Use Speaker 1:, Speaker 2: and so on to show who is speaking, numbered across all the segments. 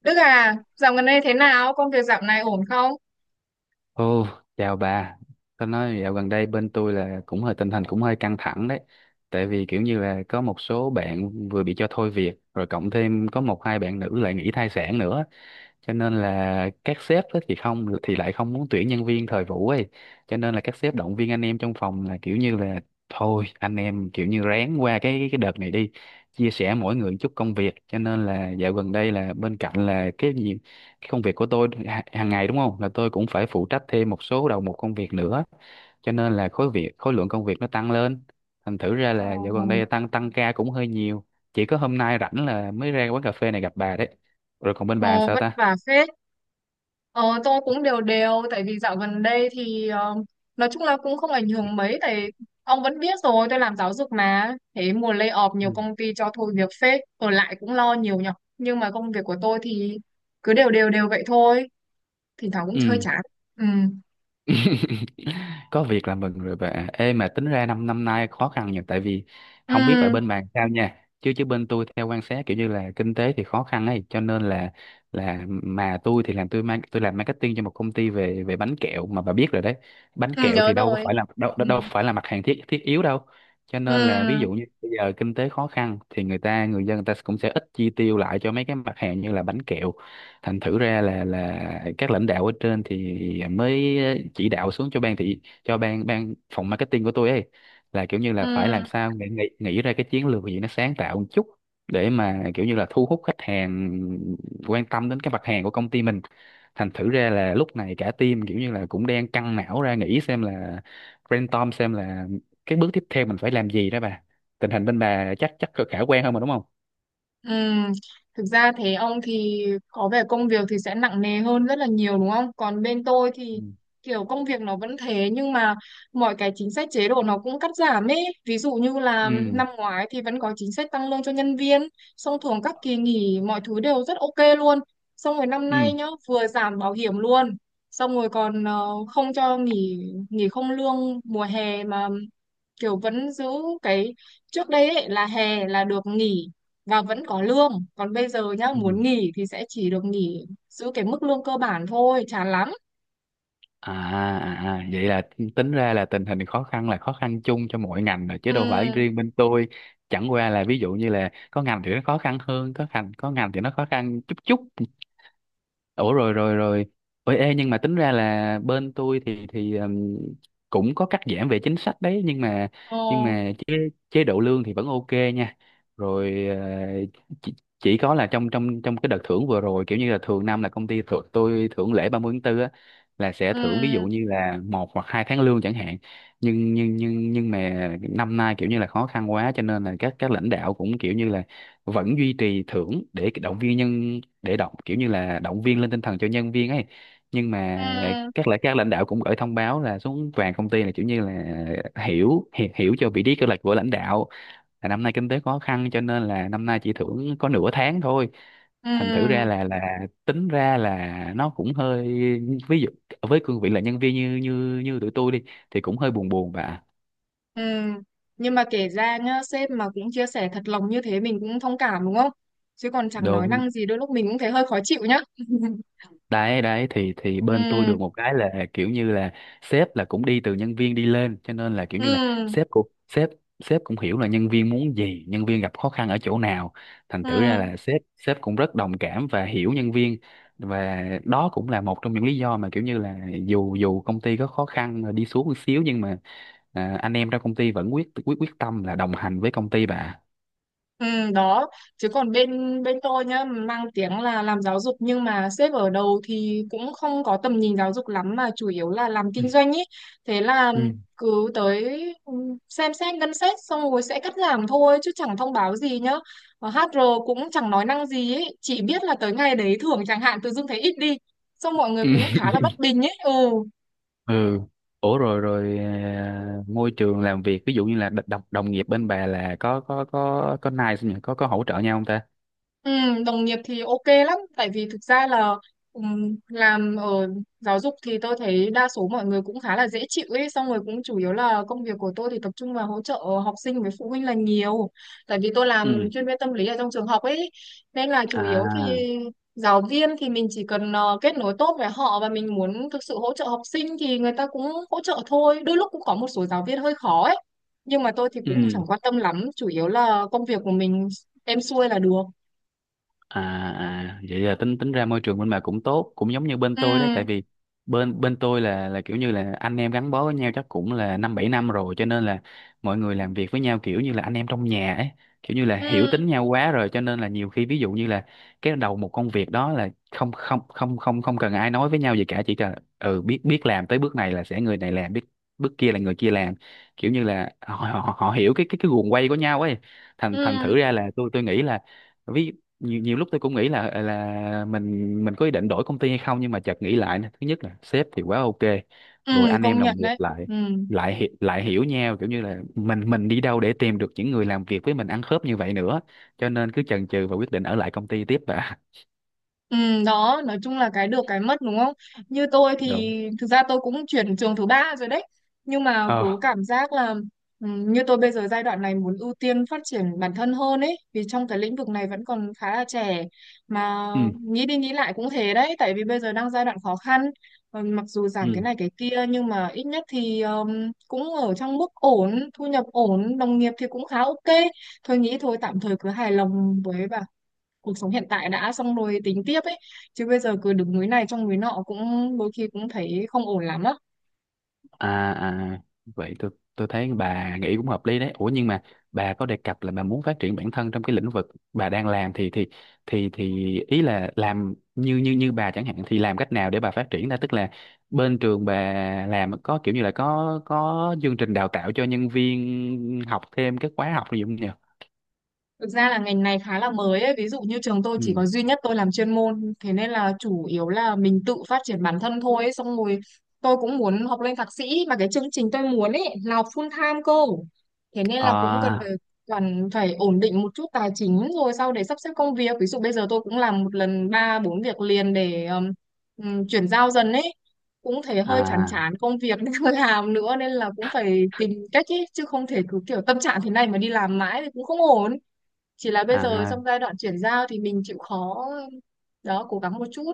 Speaker 1: Đức à, dạo gần đây thế nào? Công việc dạo này ổn không?
Speaker 2: Ồ, chào bà. Tôi nói dạo gần đây bên tôi là cũng hơi tình hình cũng hơi căng thẳng đấy. Tại vì kiểu như là có một số bạn vừa bị cho thôi việc, rồi cộng thêm có một hai bạn nữ lại nghỉ thai sản nữa. Cho nên là các sếp á thì lại không muốn tuyển nhân viên thời vụ ấy. Cho nên là các sếp động viên anh em trong phòng là kiểu như là thôi anh em kiểu như ráng qua cái đợt này đi, chia sẻ mỗi người một chút công việc. Cho nên là dạo gần đây là bên cạnh là cái gì cái công việc của tôi hàng ngày đúng không, là tôi cũng phải phụ trách thêm một số đầu mục công việc nữa, cho nên là khối lượng công việc nó tăng lên, thành thử ra
Speaker 1: Ờ,
Speaker 2: là dạo gần đây tăng tăng ca cũng hơi nhiều. Chỉ có hôm nay rảnh là mới ra quán cà phê này gặp bà đấy, rồi còn bên bà làm
Speaker 1: ồ,
Speaker 2: sao
Speaker 1: vất
Speaker 2: ta?
Speaker 1: vả phết. Ờ, tôi cũng đều đều, tại vì dạo gần đây thì nói chung là cũng không ảnh hưởng mấy, tại ông vẫn biết rồi, tôi làm giáo dục mà. Thế mùa lay off nhiều
Speaker 2: Ừ,
Speaker 1: công ty cho thôi việc phết, ở lại cũng lo nhiều nhở. Nhưng mà công việc của tôi thì cứ đều đều đều vậy thôi, thỉnh thoảng cũng chơi
Speaker 2: ừ.
Speaker 1: chán. Ừ,
Speaker 2: Có việc là mừng rồi bà. Ê, mà tính ra năm năm nay khó khăn nhiều, tại vì không biết bà
Speaker 1: ừ,
Speaker 2: bên bạn sao nha, chứ chứ bên tôi theo quan sát kiểu như là kinh tế thì khó khăn ấy. Cho nên là mà tôi thì làm tôi mang tôi làm marketing cho một công ty về về bánh kẹo, mà bà biết rồi đấy, bánh
Speaker 1: ừ
Speaker 2: kẹo
Speaker 1: nhớ
Speaker 2: thì đâu có
Speaker 1: rồi.
Speaker 2: phải là đâu
Speaker 1: Ừ,
Speaker 2: đâu đâu phải là mặt hàng thiết thiết yếu đâu. Cho nên là ví
Speaker 1: ừ,
Speaker 2: dụ như bây giờ kinh tế khó khăn thì người dân, người ta cũng sẽ ít chi tiêu lại cho mấy cái mặt hàng như là bánh kẹo. Thành thử ra là các lãnh đạo ở trên thì mới chỉ đạo xuống cho ban thị cho ban ban phòng marketing của tôi ấy, là kiểu như
Speaker 1: ừ.
Speaker 2: là phải làm sao nghĩ nghĩ nghĩ ra cái chiến lược gì nó sáng tạo một chút để mà kiểu như là thu hút khách hàng quan tâm đến cái mặt hàng của công ty mình. Thành thử ra là lúc này cả team kiểu như là cũng đang căng não ra nghĩ xem là brainstorm xem là cái bước tiếp theo mình phải làm gì đó bà. Tình hình bên bà chắc chắc khả quan hơn mà đúng không?
Speaker 1: Ừm, Thực ra thế ông thì có vẻ công việc thì sẽ nặng nề hơn rất là nhiều đúng không? Còn bên tôi
Speaker 2: Ừ,
Speaker 1: thì kiểu công việc nó vẫn thế, nhưng mà mọi cái chính sách chế độ nó cũng cắt giảm ấy. Ví dụ như là
Speaker 2: ừ,
Speaker 1: năm ngoái thì vẫn có chính sách tăng lương cho nhân viên, xong thường các kỳ nghỉ mọi thứ đều rất ok luôn. Xong rồi năm
Speaker 2: ừ.
Speaker 1: nay nhá, vừa giảm bảo hiểm luôn. Xong rồi còn không cho nghỉ, không lương mùa hè mà kiểu vẫn giữ cái trước đây ấy là hè là được nghỉ và vẫn có lương, còn bây giờ nhá
Speaker 2: Ừ.
Speaker 1: muốn nghỉ thì sẽ chỉ được nghỉ giữ cái mức lương cơ bản thôi, chán lắm.
Speaker 2: À, à, à, vậy là tính ra là tình hình khó khăn là khó khăn chung cho mọi ngành rồi chứ đâu phải
Speaker 1: Ừ,
Speaker 2: riêng bên tôi. Chẳng qua là ví dụ như là có ngành thì nó khó khăn hơn, có ngành thì nó khó khăn chút chút. Ủa, rồi, rồi, rồi. Ôi, ê, nhưng mà tính ra là bên tôi thì cũng có cắt giảm về chính sách đấy, nhưng mà
Speaker 1: ừ,
Speaker 2: nhưng mà chế chế độ lương thì vẫn ok nha. Rồi chỉ, chỉ có là trong trong trong cái đợt thưởng vừa rồi, kiểu như là thường năm là công ty thưởng thưởng lễ 30 tháng tư á, là sẽ thưởng ví dụ
Speaker 1: ừ,
Speaker 2: như là một hoặc hai tháng lương chẳng hạn. Nhưng mà năm nay kiểu như là khó khăn quá, cho nên là các lãnh đạo cũng kiểu như là vẫn duy trì thưởng để động viên nhân để động kiểu như là động viên lên tinh thần cho nhân viên ấy, nhưng mà
Speaker 1: ừ,
Speaker 2: các lãnh đạo cũng gửi thông báo là xuống toàn công ty, là kiểu như là hiểu hiểu, hiểu cho vị trí kế hoạch của lãnh đạo, là năm nay kinh tế khó khăn cho nên là năm nay chỉ thưởng có nửa tháng thôi. Thành thử ra
Speaker 1: ừ,
Speaker 2: là tính ra là nó cũng hơi, ví dụ với cương vị là nhân viên như như như tụi tôi đi thì cũng hơi buồn buồn và
Speaker 1: ừ, nhưng mà kể ra nhá, sếp mà cũng chia sẻ thật lòng như thế mình cũng thông cảm đúng không, chứ còn chẳng nói
Speaker 2: đúng.
Speaker 1: năng gì đôi lúc mình cũng thấy hơi khó chịu nhá.
Speaker 2: Đấy đấy thì bên tôi
Speaker 1: Ừ,
Speaker 2: được một cái là kiểu như là sếp là cũng đi từ nhân viên đi lên, cho nên là kiểu như là
Speaker 1: ừ,
Speaker 2: sếp cũng sếp sếp cũng hiểu là nhân viên muốn gì, nhân viên gặp khó khăn ở chỗ nào. Thành
Speaker 1: ừ.
Speaker 2: thử ra là sếp sếp cũng rất đồng cảm và hiểu nhân viên, và đó cũng là một trong những lý do mà kiểu như là dù dù công ty có khó khăn rồi đi xuống một xíu, nhưng mà anh em trong công ty vẫn quyết quyết quyết tâm là đồng hành với công ty bà.
Speaker 1: Ừ, đó, chứ còn bên bên tôi nhá, mang tiếng là làm giáo dục nhưng mà sếp ở đầu thì cũng không có tầm nhìn giáo dục lắm mà chủ yếu là làm kinh doanh ý. Thế là
Speaker 2: Ừ.
Speaker 1: cứ tới, ừ, xem xét ngân sách xong rồi sẽ cắt giảm thôi chứ chẳng thông báo gì nhá. Và HR cũng chẳng nói năng gì ấy, chỉ biết là tới ngày đấy thưởng chẳng hạn tự dưng thấy ít đi, xong mọi người
Speaker 2: Ừ.
Speaker 1: cũng khá là bất bình ấy. Ừ.
Speaker 2: Ừ. Ủa, rồi rồi, à, môi trường làm việc ví dụ như là đ- đồng đồng nghiệp bên bà là có nice không nhỉ? Có hỗ trợ nhau không ta?
Speaker 1: Ừ, đồng nghiệp thì ok lắm, tại vì thực ra là làm ở giáo dục thì tôi thấy đa số mọi người cũng khá là dễ chịu ấy, xong rồi cũng chủ yếu là công việc của tôi thì tập trung vào hỗ trợ học sinh với phụ huynh là nhiều, tại vì tôi làm
Speaker 2: Ừ,
Speaker 1: chuyên viên tâm lý ở trong trường học ấy. Nên là chủ yếu
Speaker 2: à,
Speaker 1: thì giáo viên thì mình chỉ cần kết nối tốt với họ, và mình muốn thực sự hỗ trợ học sinh thì người ta cũng hỗ trợ thôi. Đôi lúc cũng có một số giáo viên hơi khó ấy, nhưng mà tôi thì cũng chẳng
Speaker 2: ừ,
Speaker 1: quan tâm lắm, chủ yếu là công việc của mình êm xuôi là được.
Speaker 2: à, à, vậy là tính tính ra môi trường bên bà cũng tốt, cũng giống như bên
Speaker 1: Ừ,
Speaker 2: tôi đấy. Tại vì bên bên tôi là kiểu như là anh em gắn bó với nhau chắc cũng là năm bảy năm rồi, cho nên là mọi người làm việc với nhau kiểu như là anh em trong nhà ấy. Kiểu như là hiểu
Speaker 1: ừ,
Speaker 2: tính nhau quá rồi, cho nên là nhiều khi ví dụ như là cái đầu một công việc đó là không không không không không cần ai nói với nhau gì cả, chỉ cần ừ, biết biết làm tới bước này là sẽ người này làm, biết bước kia là người kia làm, kiểu như là họ họ, họ hiểu cái guồng quay của nhau ấy. Thành thành
Speaker 1: ừ,
Speaker 2: thử ra là tôi nghĩ là, ví nhiều nhiều lúc tôi cũng nghĩ là là mình có ý định đổi công ty hay không, nhưng mà chợt nghĩ lại nè. Thứ nhất là sếp thì quá ok,
Speaker 1: ừ,
Speaker 2: rồi anh em
Speaker 1: công
Speaker 2: đồng
Speaker 1: nhận
Speaker 2: nghiệp
Speaker 1: đấy.
Speaker 2: lại
Speaker 1: Ừ.
Speaker 2: lại hi- lại hiểu nhau, kiểu như là mình đi đâu để tìm được những người làm việc với mình ăn khớp như vậy nữa? Cho nên cứ chần chừ và quyết định ở lại công ty tiếp, và
Speaker 1: Ừ, đó, nói chung là cái được cái mất đúng không. Như tôi
Speaker 2: đúng,
Speaker 1: thì thực ra tôi cũng chuyển trường thứ ba rồi đấy, nhưng mà cứ
Speaker 2: ờ,
Speaker 1: cảm giác là như tôi bây giờ giai đoạn này muốn ưu tiên phát triển bản thân hơn ấy, vì trong cái lĩnh vực này vẫn còn khá là trẻ mà.
Speaker 2: ừ,
Speaker 1: Nghĩ đi nghĩ lại cũng thế đấy, tại vì bây giờ đang giai đoạn khó khăn. Ừ, mặc dù giảm
Speaker 2: ừ.
Speaker 1: cái này cái kia nhưng mà ít nhất thì cũng ở trong mức ổn, thu nhập ổn, đồng nghiệp thì cũng khá ok. Thôi nghĩ thôi, tạm thời cứ hài lòng với cuộc sống hiện tại đã xong rồi tính tiếp ấy, chứ bây giờ cứ đứng núi này trông núi nọ cũng đôi khi cũng thấy không ổn lắm á.
Speaker 2: À, à, vậy tôi thấy bà nghĩ cũng hợp lý đấy. Ủa, nhưng mà bà có đề cập là bà muốn phát triển bản thân trong cái lĩnh vực bà đang làm thì ý là làm như như như bà chẳng hạn thì làm cách nào để bà phát triển ra, tức là bên trường bà làm có kiểu như là có chương trình đào tạo cho nhân viên học thêm các khóa học gì không nhỉ?
Speaker 1: Thực ra là ngành này khá là mới ấy. Ví dụ như trường tôi chỉ
Speaker 2: Ừ.
Speaker 1: có duy nhất tôi làm chuyên môn, thế nên là chủ yếu là mình tự phát triển bản thân thôi ấy. Xong rồi tôi cũng muốn học lên thạc sĩ mà cái chương trình tôi muốn ấy là học full time cô. Thế nên là cũng
Speaker 2: À,
Speaker 1: cần phải ổn định một chút tài chính rồi sau để sắp xếp công việc. Ví dụ bây giờ tôi cũng làm một lần ba bốn việc liền để chuyển giao dần ấy. Cũng thấy hơi chán
Speaker 2: à,
Speaker 1: chán công việc nên không làm nữa, nên là cũng phải tìm cách ấy, chứ không thể cứ kiểu tâm trạng thế này mà đi làm mãi thì cũng không ổn. Chỉ là bây giờ
Speaker 2: à.
Speaker 1: trong giai đoạn chuyển giao thì mình chịu khó, đó, cố gắng một chút.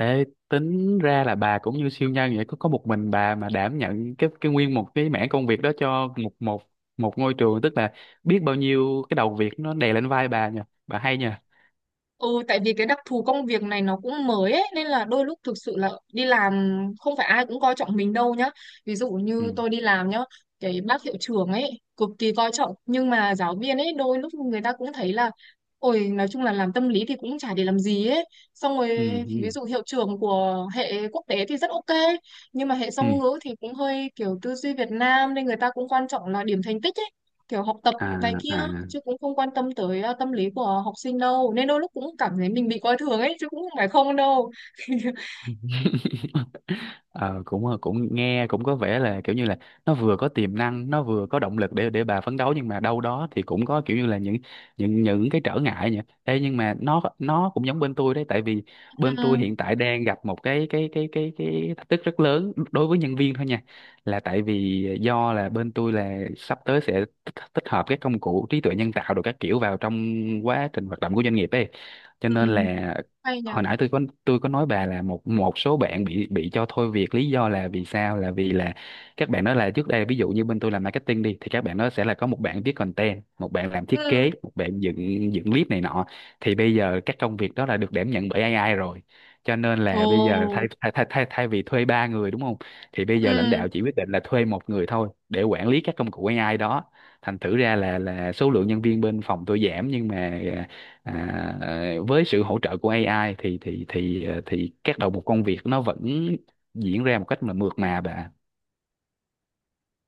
Speaker 2: Ê, tính ra là bà cũng như siêu nhân vậy, có một mình bà mà đảm nhận cái nguyên một cái mảng công việc đó cho một một một ngôi trường, tức là biết bao nhiêu cái đầu việc nó đè lên vai bà nha, bà hay nha.
Speaker 1: Ừ, tại vì cái đặc thù công việc này nó cũng mới ấy, nên là đôi lúc thực sự là đi làm không phải ai cũng coi trọng mình đâu nhá. Ví dụ
Speaker 2: Ừ,
Speaker 1: như tôi đi làm nhá, cái bác hiệu trưởng ấy cực kỳ coi trọng, nhưng mà giáo viên ấy đôi lúc người ta cũng thấy là ôi nói chung là làm tâm lý thì cũng chả để làm gì ấy. Xong rồi
Speaker 2: ừ,
Speaker 1: ví
Speaker 2: ừ,
Speaker 1: dụ hiệu trưởng của hệ quốc tế thì rất ok, nhưng mà hệ
Speaker 2: ừ,
Speaker 1: song ngữ thì cũng hơi kiểu tư duy Việt Nam nên người ta cũng quan trọng là điểm thành tích ấy, kiểu học tập
Speaker 2: à,
Speaker 1: này kia,
Speaker 2: à.
Speaker 1: chứ cũng không quan tâm tới tâm lý của học sinh đâu, nên đôi lúc cũng cảm thấy mình bị coi thường ấy chứ cũng không phải không đâu.
Speaker 2: Cũng nghe cũng có vẻ là kiểu như là nó vừa có tiềm năng, nó vừa có động lực để bà phấn đấu, nhưng mà đâu đó thì cũng có kiểu như là những cái trở ngại nhỉ. Ê, nhưng mà nó cũng giống bên tôi đấy. Tại vì bên tôi
Speaker 1: Ừ,
Speaker 2: hiện tại đang gặp một cái thách thức rất lớn đối với nhân viên thôi nha, là tại vì do là bên tôi là sắp tới sẽ tích tích hợp các công cụ trí tuệ nhân tạo rồi các kiểu vào trong quá trình hoạt động của doanh nghiệp ấy. Cho
Speaker 1: ừ,
Speaker 2: nên là
Speaker 1: hay nhỉ.
Speaker 2: hồi nãy tôi có nói bà là một một số bạn bị cho thôi việc, lý do là vì sao? Là vì là các bạn đó là trước đây ví dụ như bên tôi làm marketing đi, thì các bạn đó sẽ là có một bạn viết content, một bạn làm thiết
Speaker 1: Ừ.
Speaker 2: kế, một bạn dựng dựng clip này nọ. Thì bây giờ các công việc đó là được đảm nhận bởi AI rồi, cho nên là bây giờ thay
Speaker 1: Ồ,
Speaker 2: thay thay thay, thay vì thuê ba người đúng không, thì bây giờ lãnh
Speaker 1: ừ,
Speaker 2: đạo chỉ quyết định là thuê một người thôi để quản lý các công cụ AI đó. Thành thử ra là số lượng nhân viên bên phòng tôi giảm, nhưng mà à, với sự hỗ trợ của AI thì thì các đầu mục công việc nó vẫn diễn ra một cách mà mượt mà bà.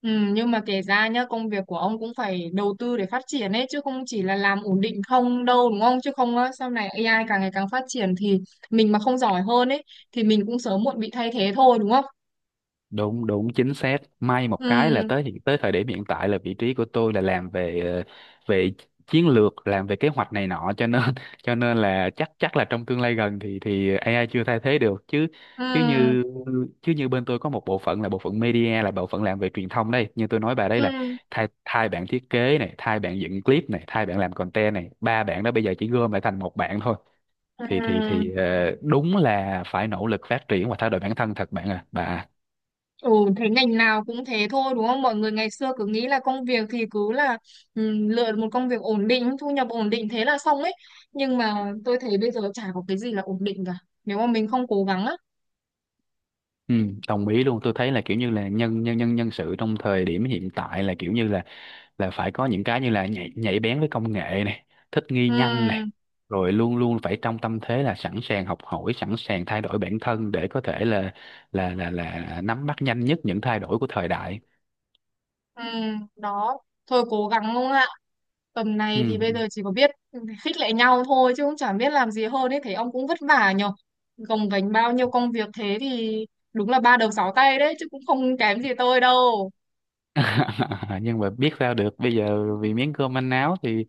Speaker 1: ừ, nhưng mà kể ra nhá, công việc của ông cũng phải đầu tư để phát triển ấy chứ không chỉ là làm ổn định không đâu đúng không, chứ không á sau này AI càng ngày càng phát triển thì mình mà không giỏi hơn ấy thì mình cũng sớm muộn bị thay thế thôi đúng không.
Speaker 2: Đúng đúng chính xác, may một cái là
Speaker 1: Ừ,
Speaker 2: tới thời điểm hiện tại là vị trí của tôi là làm về về chiến lược, làm về kế hoạch này nọ, cho nên cho nên là chắc chắc là trong tương lai gần thì AI chưa thay thế được, chứ chứ
Speaker 1: ừ,
Speaker 2: như chứ như bên tôi có một bộ phận là bộ phận media, là bộ phận làm về truyền thông, đây như tôi nói bà đấy, là
Speaker 1: ừ,
Speaker 2: thay thay bạn thiết kế này, thay bạn dựng clip này, thay bạn làm content này, ba bạn đó bây giờ chỉ gom lại thành một bạn thôi.
Speaker 1: ừ.
Speaker 2: Đúng là phải nỗ lực phát triển và thay đổi bản thân thật bạn à bà.
Speaker 1: Ừ, thế ngành nào cũng thế thôi đúng không? Mọi người ngày xưa cứ nghĩ là công việc thì cứ là lựa một công việc ổn định, thu nhập ổn định thế là xong ấy. Nhưng mà tôi thấy bây giờ chả có cái gì là ổn định cả. Nếu mà mình không cố gắng á.
Speaker 2: Ừ, đồng ý luôn, tôi thấy là kiểu như là nhân nhân nhân nhân sự trong thời điểm hiện tại là kiểu như là phải có những cái như là nhạy bén với công nghệ này, thích nghi
Speaker 1: Ừ,
Speaker 2: nhanh này, rồi luôn luôn phải trong tâm thế là sẵn sàng học hỏi, sẵn sàng thay đổi bản thân để có thể là nắm bắt nhanh nhất những thay đổi của thời đại.
Speaker 1: ừ, đó. Thôi cố gắng không ạ? Tầm này thì
Speaker 2: Ừ.
Speaker 1: bây giờ chỉ có biết khích lệ nhau thôi chứ cũng chả biết làm gì hơn ấy. Thấy ông cũng vất vả nhờ. Gồng gánh bao nhiêu công việc thế thì đúng là ba đầu sáu tay đấy chứ cũng không kém gì tôi đâu.
Speaker 2: Nhưng mà biết sao được bây giờ, vì miếng cơm manh áo thì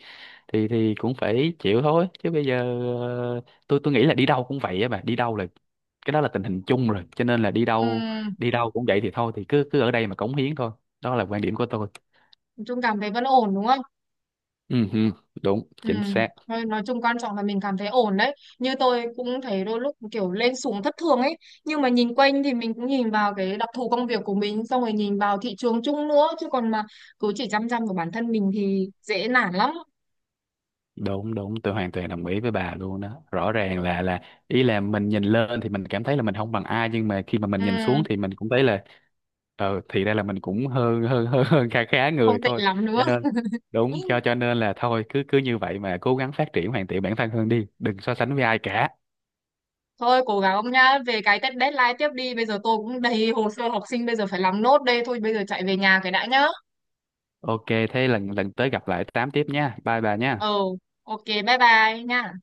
Speaker 2: thì cũng phải chịu thôi. Chứ bây giờ ờ, tôi nghĩ là đi đâu cũng vậy á bà, đi đâu là cái đó là tình hình chung rồi, cho nên là
Speaker 1: Ừ,
Speaker 2: đi đâu cũng vậy, thì thôi thì cứ cứ ở đây mà cống hiến thôi. Đó là quan điểm của tôi.
Speaker 1: nói chung cảm thấy vẫn ổn đúng không?
Speaker 2: Ừ, ừ, đúng,
Speaker 1: Ừ.
Speaker 2: chính xác.
Speaker 1: Thôi nói chung quan trọng là mình cảm thấy ổn đấy. Như tôi cũng thấy đôi lúc kiểu lên xuống thất thường ấy. Nhưng mà nhìn quanh thì mình cũng nhìn vào cái đặc thù công việc của mình, xong rồi nhìn vào thị trường chung nữa. Chứ còn mà cứ chỉ chăm chăm vào bản thân mình thì dễ nản lắm.
Speaker 2: Đúng đúng tôi hoàn toàn đồng ý với bà luôn đó, rõ ràng là ý là mình nhìn lên thì mình cảm thấy là mình không bằng ai, nhưng mà khi mà mình
Speaker 1: Ừ.
Speaker 2: nhìn xuống thì mình cũng thấy là ờ, thì ra là mình cũng hơn hơn hơn hơn khá khá người
Speaker 1: Không tệ
Speaker 2: thôi,
Speaker 1: lắm nữa.
Speaker 2: cho nên đúng, cho cho nên là thôi cứ cứ như vậy mà cố gắng phát triển hoàn thiện bản thân hơn đi, đừng so sánh với ai cả.
Speaker 1: Thôi cố gắng ông nhá. Về cái test deadline tiếp đi. Bây giờ tôi cũng đầy hồ sơ học sinh bây giờ phải làm nốt đây. Thôi bây giờ chạy về nhà cái đã nhá.
Speaker 2: Ok, thế lần lần tới gặp lại tám tiếp nha, bye bà
Speaker 1: Ừ.
Speaker 2: nha.
Speaker 1: Ok bye bye nha.